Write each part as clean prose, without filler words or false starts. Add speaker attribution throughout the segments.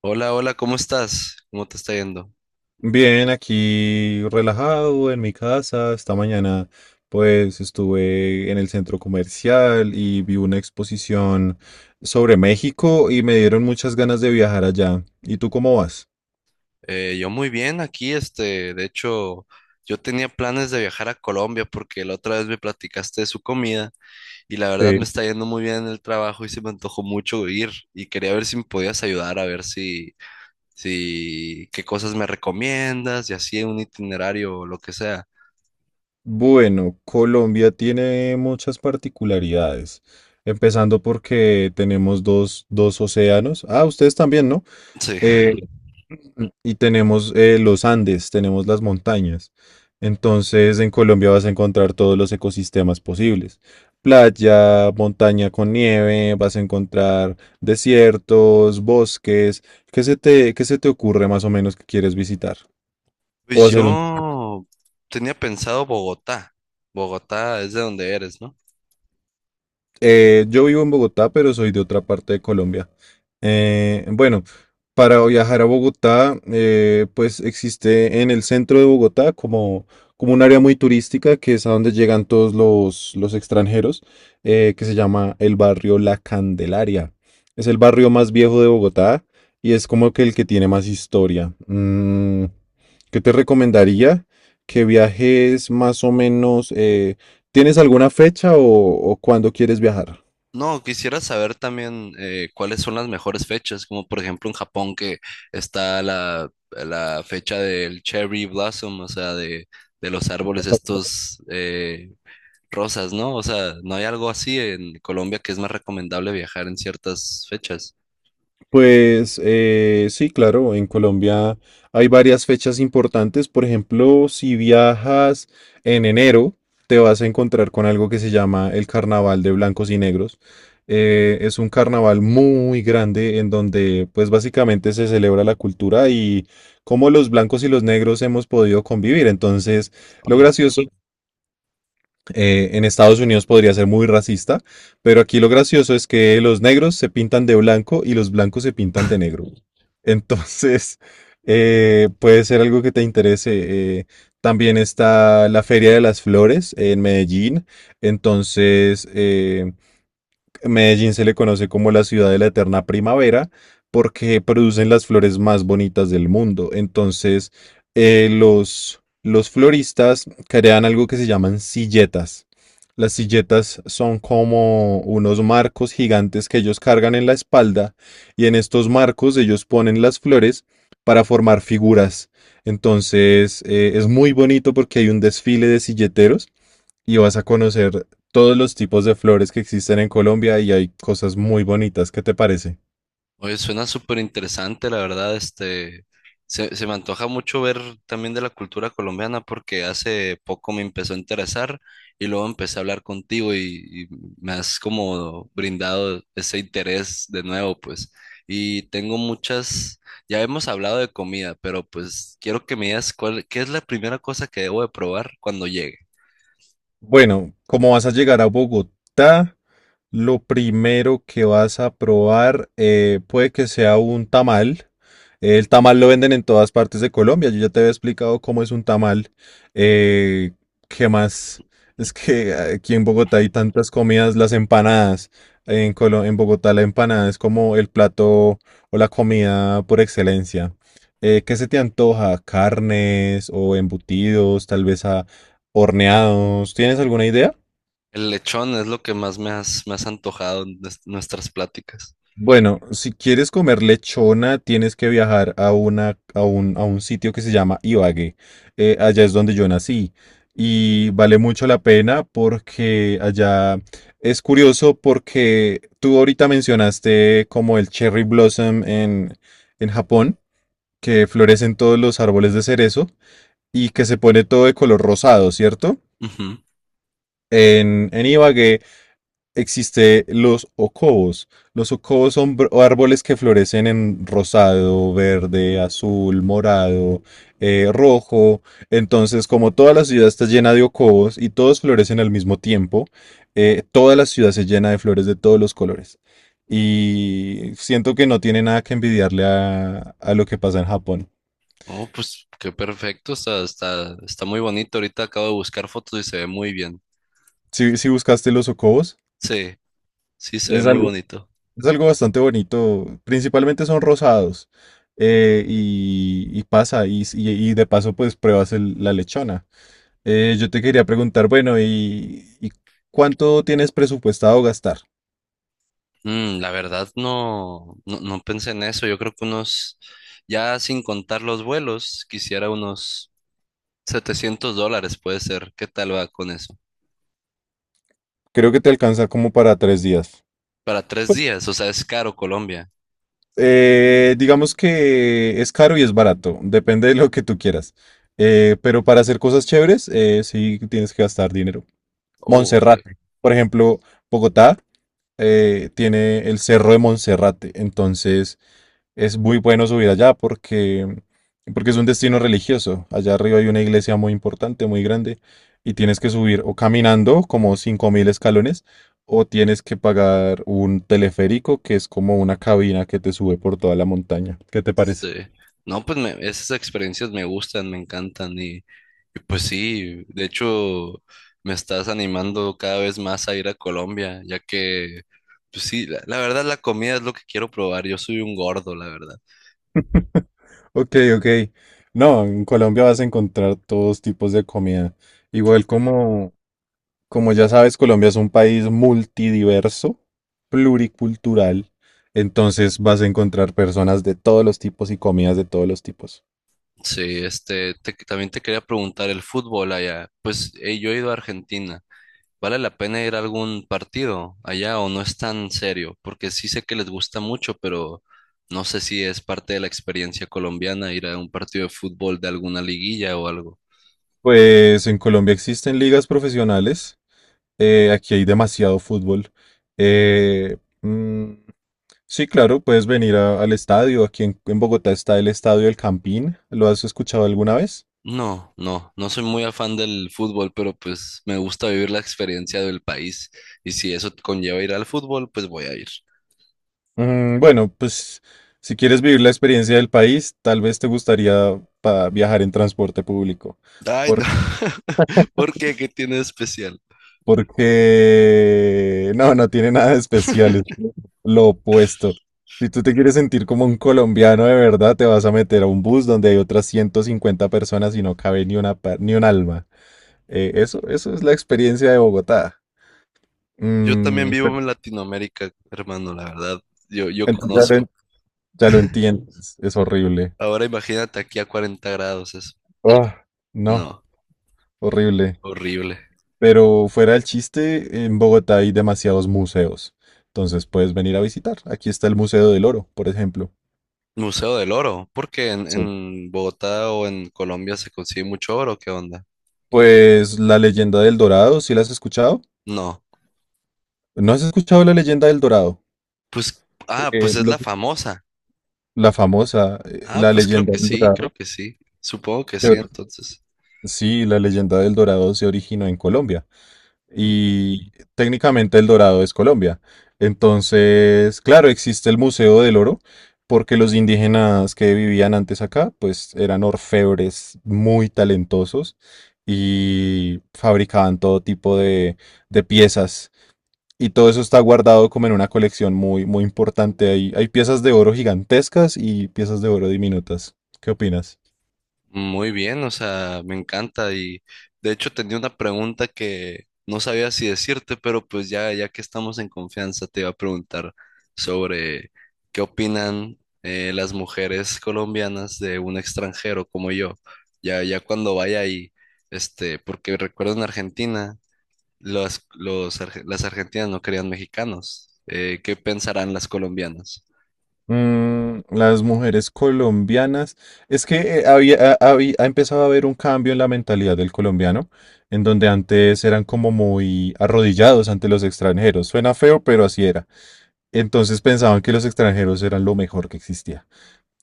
Speaker 1: Hola, hola, ¿cómo estás? ¿Cómo te está yendo?
Speaker 2: Bien, aquí relajado en mi casa. Esta mañana pues estuve en el centro comercial y vi una exposición sobre México y me dieron muchas ganas de viajar allá. ¿Y tú cómo vas?
Speaker 1: Yo muy bien aquí, este, de hecho, yo tenía planes de viajar a Colombia porque la otra vez me platicaste de su comida y la verdad
Speaker 2: Sí.
Speaker 1: me está yendo muy bien en el trabajo y se me antojó mucho ir y quería ver si me podías ayudar a ver si, si, qué cosas me recomiendas y así un itinerario o lo que sea.
Speaker 2: Bueno, Colombia tiene muchas particularidades, empezando porque tenemos dos océanos. Ah, ustedes también, ¿no?
Speaker 1: Sí,
Speaker 2: Eh, Y tenemos los Andes, tenemos las montañas. Entonces, en Colombia vas a encontrar todos los ecosistemas posibles. Playa, montaña con nieve, vas a encontrar desiertos, bosques. ¿Qué se te ocurre más o menos que quieres visitar? O
Speaker 1: pues
Speaker 2: hacer un
Speaker 1: yo tenía pensado Bogotá. Bogotá es de donde eres, ¿no?
Speaker 2: Yo vivo en Bogotá, pero soy de otra parte de Colombia. Bueno, para viajar a Bogotá, pues existe en el centro de Bogotá como un área muy turística que es a donde llegan todos los extranjeros, que se llama el barrio La Candelaria. Es el barrio más viejo de Bogotá y es como que el que tiene más historia. ¿Qué te recomendaría? Que viajes más o menos ¿tienes alguna fecha o cuándo quieres viajar?
Speaker 1: No, quisiera saber también cuáles son las mejores fechas, como por ejemplo en Japón que está la fecha del cherry blossom, o sea, de los árboles estos rosas, ¿no? O sea, ¿no hay algo así en Colombia que es más recomendable viajar en ciertas fechas?
Speaker 2: Pues sí, claro, en Colombia hay varias fechas importantes. Por ejemplo, si viajas en enero, te vas a encontrar con algo que se llama el Carnaval de Blancos y Negros. Es un carnaval muy grande en donde pues básicamente se celebra la cultura y cómo los blancos y los negros hemos podido convivir. Entonces, lo gracioso en Estados Unidos podría ser muy racista, pero aquí lo gracioso es que los negros se pintan de blanco y los blancos se pintan de negro. Entonces, puede ser algo que te interese. También está la Feria de las Flores en Medellín. Entonces, Medellín se le conoce como la ciudad de la eterna primavera porque producen las flores más bonitas del mundo. Entonces, los floristas crean algo que se llaman silletas. Las silletas son como unos marcos gigantes que ellos cargan en la espalda y en estos marcos ellos ponen las flores para formar figuras. Entonces, es muy bonito porque hay un desfile de silleteros y vas a conocer todos los tipos de flores que existen en Colombia y hay cosas muy bonitas. ¿Qué te parece?
Speaker 1: Oye, suena súper interesante, la verdad, este, se me antoja mucho ver también de la cultura colombiana porque hace poco me empezó a interesar y luego empecé a hablar contigo y me has como brindado ese interés de nuevo, pues, y tengo muchas, ya hemos hablado de comida, pero pues quiero que me digas cuál, qué es la primera cosa que debo de probar cuando llegue.
Speaker 2: Bueno, como vas a llegar a Bogotá, lo primero que vas a probar puede que sea un tamal. El tamal lo venden en todas partes de Colombia. Yo ya te había explicado cómo es un tamal. Eh, ¿Qué más? Es que aquí en Bogotá hay tantas comidas, las empanadas. En Bogotá la empanada es como el plato o la comida por excelencia. ¿Qué se te antoja? ¿Carnes o embutidos, tal vez a horneados? ¿Tienes alguna idea?
Speaker 1: El lechón es lo que más me has antojado en nuestras pláticas.
Speaker 2: Bueno, si quieres comer lechona, tienes que viajar a un sitio que se llama Ibagué. Allá es donde yo nací. Y vale mucho la pena porque allá es curioso porque tú ahorita mencionaste como el cherry blossom en, Japón, que florecen todos los árboles de cerezo y que se pone todo de color rosado, ¿cierto? En Ibagué existe los ocobos. Los ocobos son árboles que florecen en rosado, verde, azul, morado, rojo. Entonces, como toda la ciudad está llena de ocobos y todos florecen al mismo tiempo, toda la ciudad se llena de flores de todos los colores. Y siento que no tiene nada que envidiarle a lo que pasa en Japón.
Speaker 1: Oh, pues qué perfecto, está, está, está muy bonito. Ahorita acabo de buscar fotos y se ve muy bien.
Speaker 2: Si buscaste los ocobos,
Speaker 1: Sí, sí, se ve
Speaker 2: es
Speaker 1: muy
Speaker 2: algo
Speaker 1: bonito.
Speaker 2: es algo bastante bonito. Principalmente son rosados. Y, y pasa, y de paso, pues pruebas la lechona. Yo te quería preguntar, bueno, y ¿cuánto tienes presupuestado gastar?
Speaker 1: Mm, la verdad no, no, no pensé en eso. Yo creo que unos, ya sin contar los vuelos, quisiera unos $700, puede ser. ¿Qué tal va con eso?
Speaker 2: Creo que te alcanza como para 3 días.
Speaker 1: Para tres días, o sea, es caro Colombia.
Speaker 2: Digamos que es caro y es barato, depende de lo que tú quieras. Pero para hacer cosas chéveres, sí tienes que gastar dinero.
Speaker 1: Oh, ok.
Speaker 2: Monserrate, por ejemplo, Bogotá tiene el Cerro de Monserrate. Entonces, es muy bueno subir allá porque es un destino religioso. Allá arriba hay una iglesia muy importante, muy grande, y tienes que subir o caminando como 5.000 escalones o tienes que pagar un teleférico que es como una cabina que te sube por toda la montaña. ¿Qué te parece?
Speaker 1: Sí. No, pues esas experiencias me gustan, me encantan y pues sí, de hecho me estás animando cada vez más a ir a Colombia, ya que, pues sí, la verdad la comida es lo que quiero probar, yo soy un gordo, la verdad.
Speaker 2: Ok, ok. No, en Colombia vas a encontrar todos tipos de comida. Igual como, como ya sabes, Colombia es un país multidiverso, pluricultural, entonces vas a encontrar personas de todos los tipos y comidas de todos los tipos.
Speaker 1: Sí, este, también te quería preguntar el fútbol allá, pues yo he ido a Argentina. ¿Vale la pena ir a algún partido allá o no es tan serio? Porque sí sé que les gusta mucho, pero no sé si es parte de la experiencia colombiana ir a un partido de fútbol de alguna liguilla o algo.
Speaker 2: Pues en Colombia existen ligas profesionales, aquí hay demasiado fútbol. eh, mm, sí, claro, puedes venir al estadio, aquí en Bogotá está el Estadio El Campín, ¿lo has escuchado alguna vez?
Speaker 1: No, no, no soy muy afán del fútbol, pero pues me gusta vivir la experiencia del país y si eso conlleva ir al fútbol, pues voy a ir.
Speaker 2: Bueno, pues si quieres vivir la experiencia del país, tal vez te gustaría viajar en transporte público.
Speaker 1: Ay, no.
Speaker 2: Por-
Speaker 1: ¿Por qué? ¿Qué tiene de especial?
Speaker 2: porque no tiene nada de especial, es lo opuesto. Si tú te quieres sentir como un colombiano de verdad, te vas a meter a un bus donde hay otras 150 personas y no cabe ni una, ni un alma. Eso, eso es la experiencia de Bogotá.
Speaker 1: Yo también
Speaker 2: Mm,
Speaker 1: vivo
Speaker 2: pero-
Speaker 1: en Latinoamérica, hermano, la verdad. Yo
Speaker 2: entonces ya lo,
Speaker 1: conozco.
Speaker 2: en- ya lo entiendes, es horrible.
Speaker 1: Ahora imagínate aquí a 40 grados.
Speaker 2: Ah, no,
Speaker 1: No,
Speaker 2: horrible.
Speaker 1: horrible.
Speaker 2: Pero fuera el chiste, en Bogotá hay demasiados museos. Entonces puedes venir a visitar. Aquí está el Museo del Oro, por ejemplo.
Speaker 1: Museo del Oro, porque
Speaker 2: Sí.
Speaker 1: en Bogotá o en Colombia se consigue mucho oro, ¿qué onda?
Speaker 2: Pues la leyenda del Dorado, ¿sí la has escuchado?
Speaker 1: No,
Speaker 2: ¿No has escuchado la leyenda del Dorado?
Speaker 1: pues, ah, pues
Speaker 2: Que
Speaker 1: es
Speaker 2: lo-
Speaker 1: la famosa.
Speaker 2: la famosa,
Speaker 1: Ah,
Speaker 2: la
Speaker 1: pues creo
Speaker 2: leyenda
Speaker 1: que
Speaker 2: del
Speaker 1: sí, creo
Speaker 2: Dorado.
Speaker 1: que sí. Supongo que
Speaker 2: se
Speaker 1: sí,
Speaker 2: ori-
Speaker 1: entonces.
Speaker 2: Sí, la leyenda del Dorado se originó en Colombia,
Speaker 1: Mm.
Speaker 2: y técnicamente El Dorado es Colombia. Entonces, claro, existe el Museo del Oro porque los indígenas que vivían antes acá, pues eran orfebres muy talentosos y fabricaban todo tipo de, piezas. Y todo eso está guardado como en una colección muy, muy importante. Hay piezas de oro gigantescas y piezas de oro diminutas. ¿Qué opinas?
Speaker 1: Muy bien, o sea, me encanta y de hecho tenía una pregunta que no sabía si decirte, pero pues ya, ya que estamos en confianza, te iba a preguntar sobre qué opinan las mujeres colombianas de un extranjero como yo, ya, ya cuando vaya ahí, este, porque recuerdo en Argentina, los, las argentinas no querían mexicanos, ¿qué pensarán las colombianas?
Speaker 2: Las mujeres colombianas, es que ha empezado a haber un cambio en la mentalidad del colombiano, en donde antes eran como muy arrodillados ante los extranjeros. Suena feo, pero así era. Entonces pensaban que los extranjeros eran lo mejor que existía.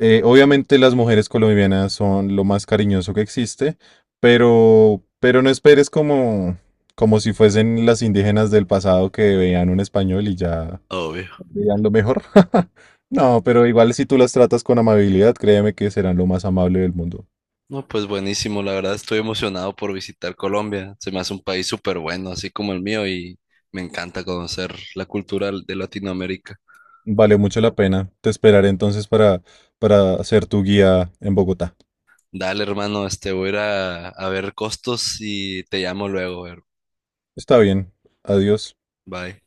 Speaker 2: Obviamente las mujeres colombianas son lo más cariñoso que existe, pero no esperes como si fuesen las indígenas del pasado que veían un español y ya
Speaker 1: Obvio.
Speaker 2: dirían lo mejor. No, pero igual si tú las tratas con amabilidad, créeme que serán lo más amable del mundo.
Speaker 1: No, pues buenísimo, la verdad estoy emocionado por visitar Colombia. Se me hace un país súper bueno, así como el mío, y me encanta conocer la cultura de Latinoamérica.
Speaker 2: Vale mucho la pena. Te esperaré entonces para ser tu guía en Bogotá.
Speaker 1: Dale, hermano, este voy a ir a ver costos y te llamo luego, her-
Speaker 2: Está bien. Adiós.
Speaker 1: Bye.